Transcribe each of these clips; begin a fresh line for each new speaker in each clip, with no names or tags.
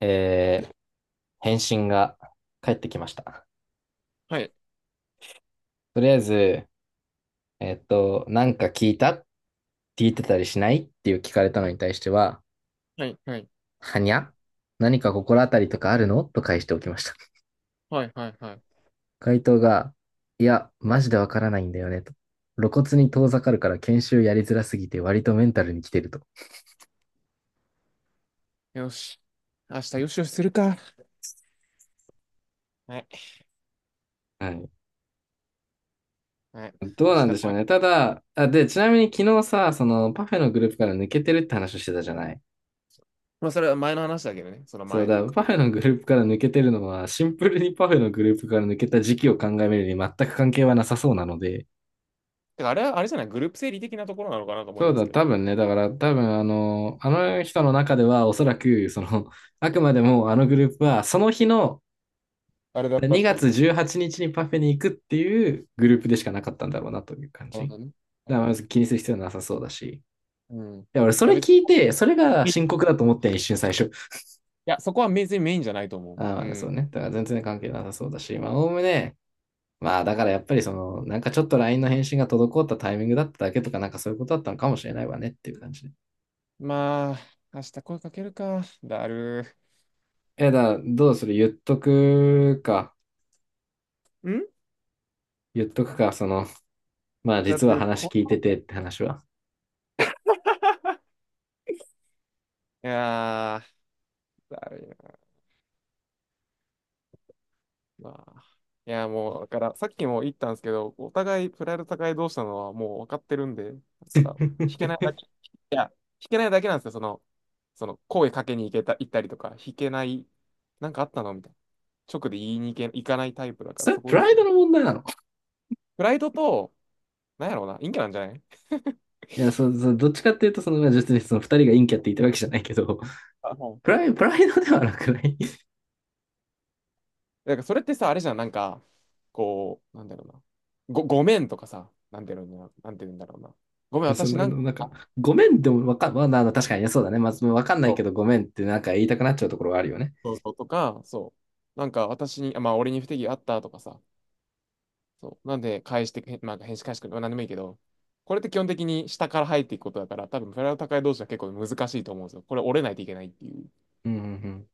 えー返信が返ってきました。
はい。
とりあえず、なんか聞いたって聞いてたりしないっていう聞かれたのに対しては、
はい。はい。
はにゃ何か心当たりとかあるのと返しておきました。
はい。はい。はい。
回答が、いや、マジでわからないんだよね、と。露骨に遠ざかるから研修やりづらすぎて割とメンタルに来てると。
よし。明日よしよしするか。はい。
はい。
はい。
ど
明
うな
日
んでしょ
来
う
い。
ね。ただ、あ、で、ちなみに昨日さ、そのパフェのグループから抜けてるって話をしてたじゃない。
まあ、それは前の話だけどね。その
そう
前という
だ、
か。
パフェのグループから抜けてるのは、シンプルにパフェのグループから抜けた時期を考えるに全く関係はなさそうなので、
てか、あれは、あれじゃない、グループ整理的なところなのかなと思い
そう
ます
だ、
けど。
多分ね、だから多分あの人の中ではおそらく、その、あくまでもあのグループは、その日の
あれだったって
2
い
月
う。
18日にちにパフェに行くっていうグループでしかなかったんだろうなという感
なる
じ。
ほどね。は
だか
い。
らまず気にする必要はなさそうだし。い
うん。い
や、俺そ
や、
れ
別
聞いて、それが
に、
深
い
刻だと思って一瞬最初。
や、そこは別にメインじゃないと思う。う
ああ、そ
ん。
うね。だから全然関係なさそうだし、まあ、おおむね、まあ、だからやっぱりその、なんかちょっと LINE の返信が滞ったタイミングだっただけとか、なんかそういうことだったのかもしれないわねっていう感じで。
まあ、明日声かけるか。だる
え、だからどうする言っとくか。
ー。
言っとくか、その、まあ
だっ
実は
て、
話
こ
聞いて
の、
てって話は。
いやー、だるい。まあ、いや、もう、だから、さっきも言ったんですけど、お互い、プライド高い同士なのはもう分かってるんで、だから、引けないだ け、いや、引けないだけなんですよ、その、声かけに行けた、行ったりとか、引けない、なんかあったのみたいな。直で言いに行け、行かないタイプだか
そ
ら、
れ、
そこ
プ
で
ラ
す
イド
ね。
の問題なの？
プライドと、なんやろうな、陰キャなんじゃない？
いや、そう、そう、どっちかっていうと、その、まあ、実にその二人が陰キャって言ったわけじゃないけど、
あ、はい。
プライドではなくない？
だから、それってさ、あれじゃん、なんか、こう、なんだろうな、ご、ごめんとかさ、なんていうんだろうな、ごめん、
そん
私
な、
なんか、
なんか、ごめんでもわかん、まあ、あの確かにね、そうだね。まず、あわかんないけどごめんってなんか言いたくなっちゃうところはあるよね。
そうそうとか、そう。なんか私に、あ、まあ俺に不手際あったとかさ。そう。なんで返してく、まあ返し返してくれ、まあ何でもいいけど、これって基本的に下から入っていくことだから、多分フライド高い同士は結構難しいと思うんですよ。これ折れないといけないっていう。
うん、うん、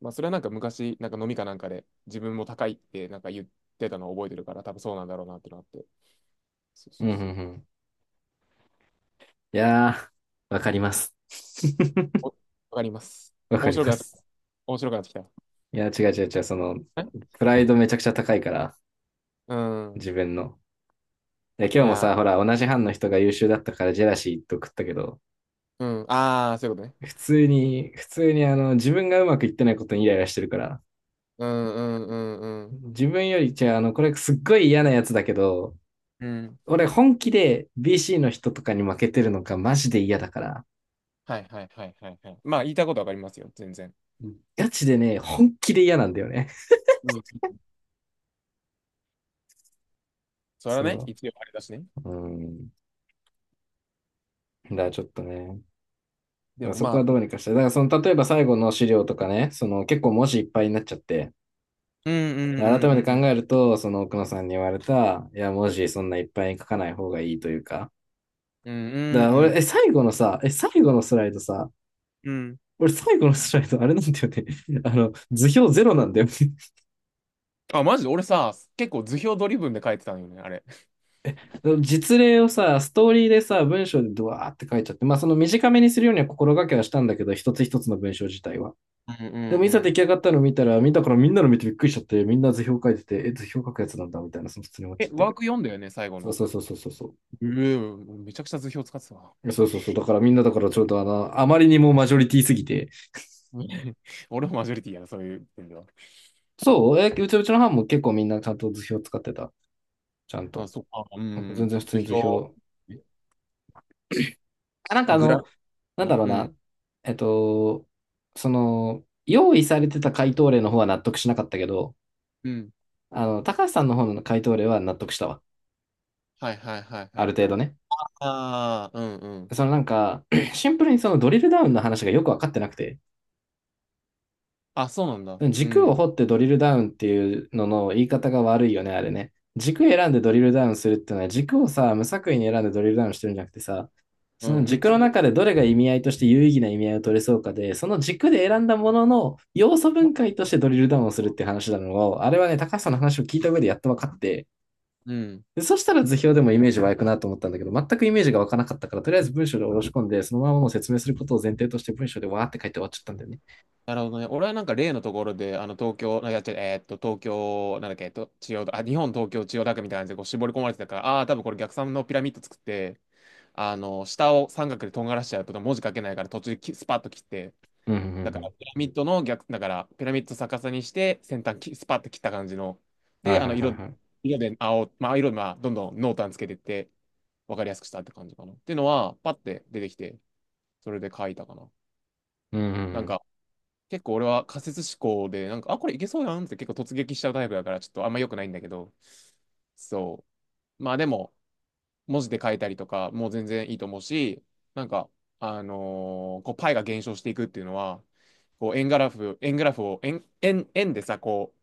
まあそれはなんか昔、なんか飲みかなんかで自分も高いってなんか言ってたのを覚えてるから、多分そうなんだろうなってのがあって。そう
う
そ
ん。
う
うん、う
そう。
ん、うん。いやー、わかります。
おわかります。
わか
面
り
白く
ま
なってきた。
す。
面白くなってきた。
いや、違う違う違う、その、
え、
プライドめちゃくちゃ高いから、
うん。
自分の。で、
い
今日も
や、
さ、ほら、同じ班の人が優秀だったからジェラシーと食ったけど、
うん。ああ、そういうことね。
普通にあの、自分がうまくいってないことにイライラしてるから、
うんうんうんうん。
自分より、じゃあ、あの、これすっごい嫌なやつだけど、
うん、
俺本気で BC の人とかに負けてるのがマジで嫌だから、
はいはいはいはいはい。まあ言いたいことわかりますよ、全然。
ガチでね、本気で嫌なんだよね。
うん、それはね、
そ
一応あれだしね。
う。うん。だからちょっとね、だか
で
ら
も
そこは
ま
ど
あ、
うにかして、だからその例えば最後の資料とかね、その結構文字いっぱいになっちゃって、
うんうんう
改
んう
めて
ん
考
うん
えると、その奥野さんに言われた、いや、文字そんないっぱいに書かない方がいいというか、
うんう
だ
ん
か
うん
ら
う
俺、
ん
最後のさ、最後のスライドさ、
うん。
俺最後のスライドあれなんだよね。図表ゼロなんだよね。
あ、マジで俺さ、結構図表ドリブンで書いてたのよね、あれ。
実例をさ、ストーリーでさ、文章でドワーって書いちゃって、まあその短めにするようには心がけはしたんだけど、一つ一つの文章自体は。
うんう
で
ん
もいざ
う
出
ん。
来上がったの見たら、見たからみんなの見てびっくりしちゃって、みんな図表書いてて、え、図表書くやつなんだみたいな、その普通に思っちゃ
え、
っ
ワ
て。
ーク読んだよね、最後
そう
の。
そうそうそうそうそ
うん、めちゃくちゃ図表使ってたわ。
う。そうそうそう。だからみんなだからちょっとあまりにもマジョリティすぎて。
うん。 俺もマジョリティやな、そういう点では。
そう、うちの班も結構みんなちゃんと図表使ってた。ちゃん
あ、
と。
そっか。う
うん全然普
ん、
通に
図
図
表。
表。
え、
あ、なんか
グラフ
な
か
んだ
な、
ろう
う
な。
ん
えっと、その、用意されてた回答例の方は納得しなかったけど、
うん。
高橋さんの方の回答例は納得したわ。
はいはいはいは
ある
いは
程度
い。
ね。
ああ、うんうん。
そのなんか、シンプルにそのドリルダウンの話がよくわかってなくて、
あ、そうなんだ。う
軸を
ん。
掘ってドリルダウンっていうのの言い方が悪いよね、あれね。軸選んでドリルダウンするっていうのは、軸をさ、無作為に選んでドリルダウンしてるんじゃなくてさ、
う
その
ん、三
軸
つ、
の中でどれが意味合いとして有意義な意味合いを取れそうかで、その軸で選んだものの要素分
ま
解としてドリルダウンをするって話なのを、あれはね、高橋さんの話を聞いた上でやっと分かって、
うん。
でそしたら図表でもイメージ湧くなと思ったんだけど、全くイメージが湧かなかったから、とりあえず文章で下ろし込んで、そのままもう説明することを前提として文章でわーって書いて終わっちゃったんだよね。
なるほどね。俺はなんか例のところで、あの、東京、なんか、東京、なんだっけ、千代田、あ、日本、東京、千代田区みたいな感じでこう絞り込まれてたから、ああー、多分これ逆三のピラミッド作って、あの、下を三角でとんがらしちゃうと文字書けないから途中できスパッと切って、
うんうんう
だから
ん。
ピラミッドの逆、だからピラミッド逆さにして先端きスパッと切った感じの、
は
で、
い
あ
は
の、
いはい
色、
はい。
色で青、まあ、色で、まあ、どんどん濃淡つけていって、わかりやすくしたって感じかな。っていうのは、パッて出てきて、それで書いたかな。
うんうんう
なん
ん。
か、結構俺は仮説思考で、なんか、あ、これいけそうやんって結構突撃しちゃうタイプだから、ちょっとあんま良くないんだけど、そう。まあでも、文字で書いたりとか、もう全然いいと思うし、なんか、こう、パイが減少していくっていうのは、こう、円グラフ、円グラフを、円、円でさ、こ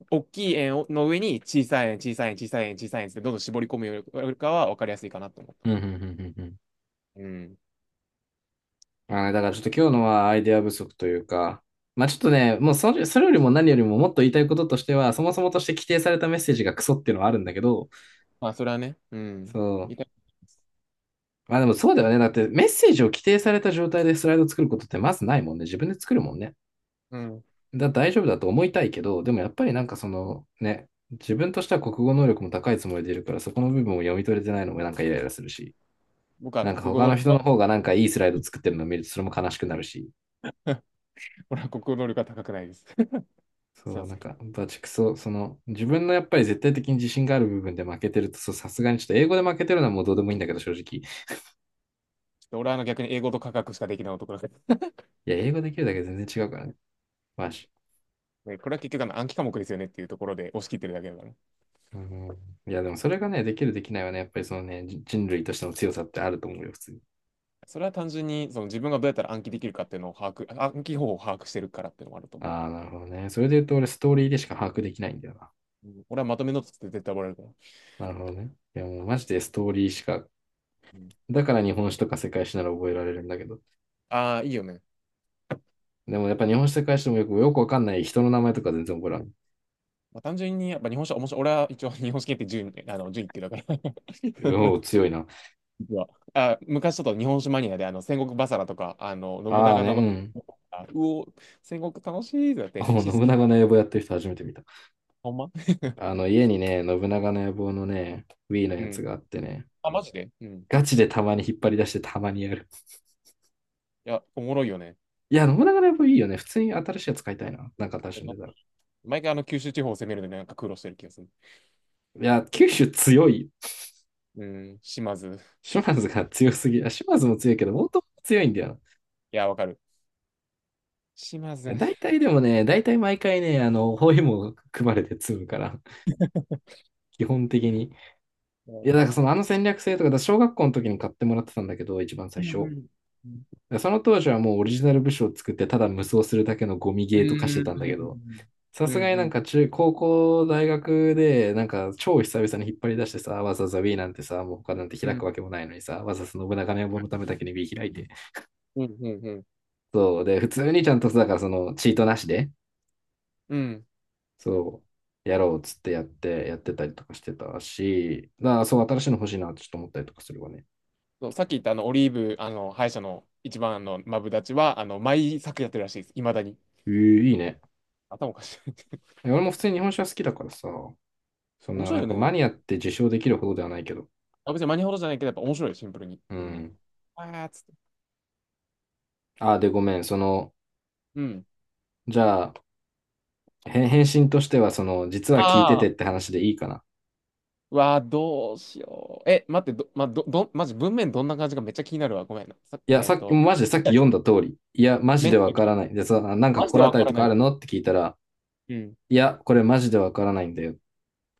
う、大きい円をの上に小さい円、小さい円、小さい円、小さい円ってどんどん絞り込むよりかは分かりやすいかなと思った。
うんうんうんうんうん。
うん。
あーねだからちょっと今日のはアイデア不足というか、まあちょっとね、もうそれよりも何よりももっと言いたいこととしては、そもそもとして規定されたメッセージがクソっていうのはあるんだけど、
まあ、それはね、うん。
そう。
いた、
まあでもそうだよね。だってメッセージを規定された状態でスライド作ることってまずないもんね。自分で作るもんね。
うん。
大丈夫だと思いたいけど、でもやっぱりなんかそのね、自分としては国語能力も高いつもりでいるから、そこの部分を読み取れてないのもなんかイライラするし、
僕はあの、
なんか
国語
他
能
の
力
人の
は、
方がなんかいいスライド作ってるのを見るとそれも悲しくなるし、
俺は国語能力は高くないです。そ
そ
う
う、な
そ
ん
う。
かバチクソ、その自分のやっぱり絶対的に自信がある部分で負けてると、そう、さすがにちょっと英語で負けてるのはもうどうでもいいんだけど、正直。
で俺はあの逆に英語と科学しかできない男だから、
いや、英語できるだけで全然違うからね。マジ。
でこれは結局あの暗記科目ですよねっていうところで押し切ってるだけだからね。
うん。いや、でもそれがね、できるできないはね、やっぱりそのね、人類としての強さってあると思うよ、普通に。
それは単純にその自分がどうやったら暗記できるかっていうのを把握、暗記方法を把握してるからっていうのもあると思うわ。
ああ、なるほどね。それで言うと俺ストーリーでしか把握できないんだよな。
うん、俺はまとめのつって絶対覚えられるから。
なるほどね。いやもうマジでストーリーしか。
うん、
だから日本史とか世界史なら覚えられるんだけど。
ああ、いいよね。
でもやっぱ日本史世界史でもよくわかんない人の名前とか全然覚えら
まあ、単純にやっぱ日本史は面白い。俺は一応日本史系って順、あの順位ってだから。
ん。おお、強いな。
実は。あ、昔ちょっと日本史マニアであの戦国バサラとか、あの信
ああ
長の、
ね、
あうお、戦国楽しいってなって
うん。
歴
おお、
史
信
好き。
長の野望やってる人初めて見た。
ほんま。
あの家にね、信長の野望のね、Wii の
う
やつ
ん。
があってね。
あ、マジで、うん。
ガチでたまに引っ張り出してたまにやる。
いや、おもろいよね。
いや、信長の野望いいよね。普通に新しいやつ買いたいな。なんか新しいんでたら。
毎回あの九州地方を攻めるのになんか苦労してる気がする。
いや、九州強い。
うん、島津。
島津が強すぎ。あ島津も強いけど、大友も強いんだよ。
いや、わかる。島津。い
大体でもね、大体毎回ね、包囲網組まれて積むから、基本的に。
や、
いや、
マ
だから
ジ
そ
で、
の戦略性とか、だから小学校の時に買ってもらってたんだけど、一番
う
最
んう
初。
ん
だか
う
らその当時はもうオリジナル部署を作って、ただ無双するだけのゴミゲーとかしてたんだけど、
ん
さ
うん
すがに
う
なん
ん
か中、高校、大学で、なんか超久々に引っ張り出してさ、わざわざ B なんてさ、もう他なんて
うん
開
う
く
ん
わけもないのにさ、わざわざ信長の野望のためだけに B 開いて、
うんうん
そう。で、普通にちゃんとさ、だからその、チートなしで、
うん。
そう、やろうっつってやって、やってたりとかしてたし、だからそう、新しいの欲しいなってちょっと思ったりとかするわね。
そうさっき言ったあのオリーブあの歯医者の一番のマブダチはあの毎作やってるらしいです。いまだに。
えー、いいね。
頭おかしい。
え俺も普通に日本酒は好きだからさ、そん
面
な、
白い
なん
よ
かマニ
ね。
アって自称できるほどではないけど。
あ、別にマニほどじゃないけどやっぱ面白い、シンプルに。
う
うん。
ん。
あーっつって。
あ、で、ごめん。その、
うん。
じゃあ、へ返信としては、その、実は聞いて
あ
てっ
あ。
て話でいいかな。
うわー、どうしよう。え、待って、ど、まど、ど、マジ文面どんな感じかめっちゃ気になるわ。ごめんな。さ、
いや、さっき、マジでさっ
い
き
や、
読んだ通り。いや、マジ
メン
で
タ
わ
ル、
からない。で、さ、なんか
マジで
心当
わ
た
か
り
ら
と
な
かあ
い。
るのって聞いたら、
うん。
いや、これマジでわからないんだよ。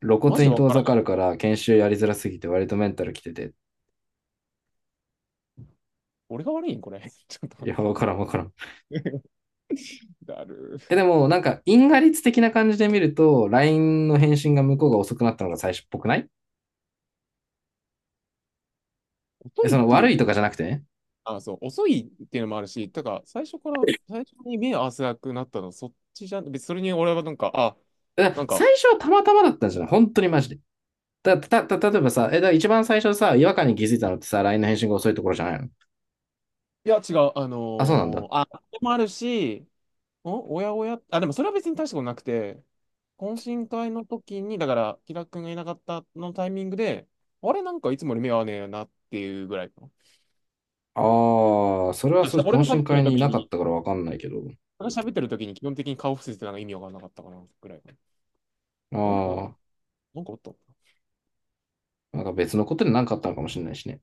露
マジ
骨
で
に
わ
遠
から
ざ
な
かるか
い。
ら研修やりづらすぎて割とメンタルきてて。
俺が悪いんこれ。ちょっと
いや、わ
待
からんわからん。
って。だる
え、で
ー。
もなんか因果率的な感じで見ると、LINE の返信が向こうが遅くなったのが最初っぽくない？
遅
え、
い
そ
っ
の
てい
悪
う、
いとかじゃなくてね。
あ、そう、遅いっていうのもあるし、だから最初から、最初に目合わせなくなったの、そっちじゃん。別にそれに俺はなんか、あ、
だか
な
ら
んか、
最初はたまたまだったんじゃない、本当にマジで。だ、た、た、例えばさ、え、だから一番最初さ、違和感に気づいたのってさ、LINE の返信が遅いところじゃないの？
いや、違う、
あ、そうなんだ。
あ、でもあるし、お、おやおや、あ、でもそれは別に大したことなくて、懇親会の時に、だから、キラ君がいなかったのタイミングで、あれなんかいつもより目合わねえよなっていうぐらいかな。
ああ、それ
い
は
や
そ
し
う、
ゃ、
懇親会にいなかったからわかんないけど。
俺が喋ってる時に基本的に顔伏せてたのが意味わかんなかったかなぐらいかな。なんか、
あ
なんかおったのか
あ、なんか別のことで何かあったのかもしれないしね。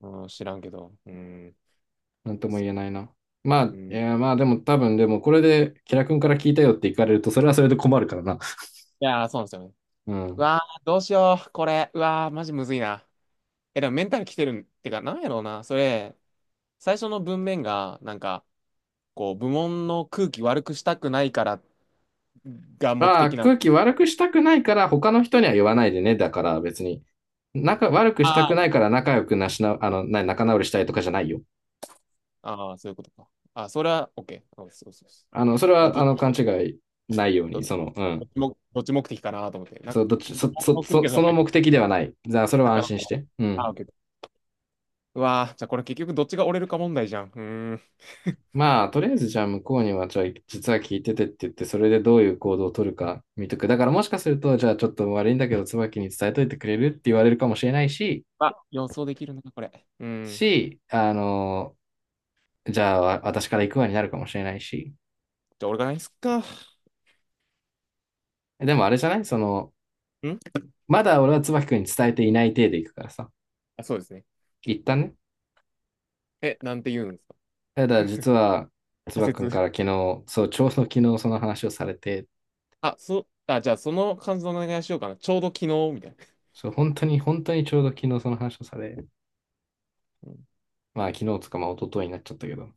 な、うん、知らんけど。うん。
なんとも
そ、
言えないな。まあ、
う
い
ん。い
や、まあでも多分、でもこれで、キラ君から聞いたよって言かれると、それはそれで困るからな。
やー、そうなんですよね。
う
う
ん。
わー、どうしよう、これ。うわー、マジむずいな。え、でもメンタル来てるんってか、なんやろうな。それ、最初の文面が、なんか、こう、部門の空気悪くしたくないからが目
まあ、
的なの？
空気悪くしたくないから、他の人には言わないでね。だから別に、仲、悪くした
あ
くな
ー、
いから仲良くなしな、あの、な、仲直りしたいとかじゃないよ。
あー、そういうことか。あ、それは OK。そうそうそうそ
あの、それ
う、あ、
は、
ど
あ
っち
の、
も、
勘違いないように、その、うん。
どっち目的かなと思って。なん
そ
か、
う、どっち、
部門の空気がな
その
いか。
目的ではない。じゃあ、それ
な
は
か
安
な
心し
か。
て。う
あ
ん。
ー、OK。うわー、じゃあこれ結局どっちが折れるか問題じゃん。うーん。
まあ、とりあえずじゃあ向こうには、じゃあ実は聞いててって言って、それでどういう行動を取るか見とく。だからもしかすると、じゃあちょっと悪いんだけど、椿に伝えといてくれるって言われるかもしれないし、
あ、予想できるな、これ。うん。
し、あの、じゃあ私から行くわになるかもしれないし。
じゃあ、俺がないっすか。ん、
でもあれじゃないその、まだ俺は椿君に伝えていない体で行くからさ。
あ、そうですね。
一旦ね。
え、なんて言うんですか？
ただ実は、
仮
椿君か
説。
ら昨日、そう、ちょうど昨日その話をされて、
あ、そう、あ、じゃあ、その感想お願いしようかな。ちょうど昨日、みたいな。
そう、本当に、本当にちょうど昨日その話をされ、
うん
まあ昨日つかまあ一昨日になっちゃったけど。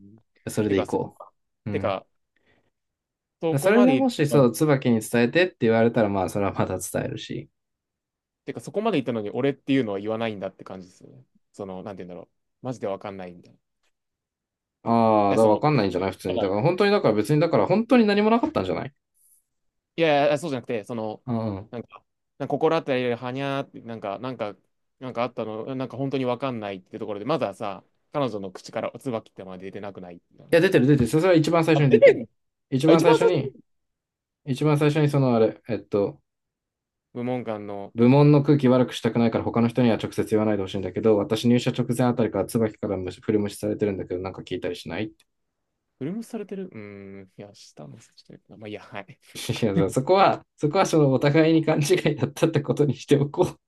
うん、
それ
て
で
か、
行
そこ
こ
か。
う。う
て
ん。
か、そ
そ
こ
れ
ま
で
でい、
もし、そう、椿に伝えてって言われたら、まあ、それはまた伝えるし。
てか、そこまで言ったのに俺っていうのは言わないんだって感じですよね。その、なんて言うんだろう。マジでわかんないみたいな。い
ああ、だ
や、
から
そ
わ
の、
かんないんじゃない普通に。だから本当に、だから別に、だから本当に何もなかったんじゃない？
いやいや、そうじゃなくて、その、
うん、い
なんか、なんか心当たりではにゃーって、なんか、なんかあったの、なんか本当にわかんないってところで、まずはさ、彼女の口から椿ってまで出てなくないって
や、
話。
出てる出てる。それは一番最初
あ、
に
出
出て
てん
る。
の？
一
あ、
番
一
最
番
初
最初
に、
に、
一番最初にそのあれ、えっと、
部門間の、
部門の空気悪くしたくないから他の人には直接言わないでほしいんだけど、私入社直前あたりから椿から無視、振り無視されてるんだけど、なんか聞いたりしない？
フルムスされてるうーん、いや、下の、ちょっとまあ、いいや、はい。
いや、そこは、そこはそのお互いに勘違いだったってことにしておこう。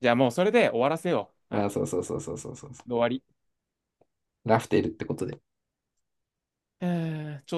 じゃあもうそれで終わらせよ う。は
ま
い。
あ、そ
で、
うそうそうそうそうそう。
終わり。
ラフテルってことです
えー、ちょ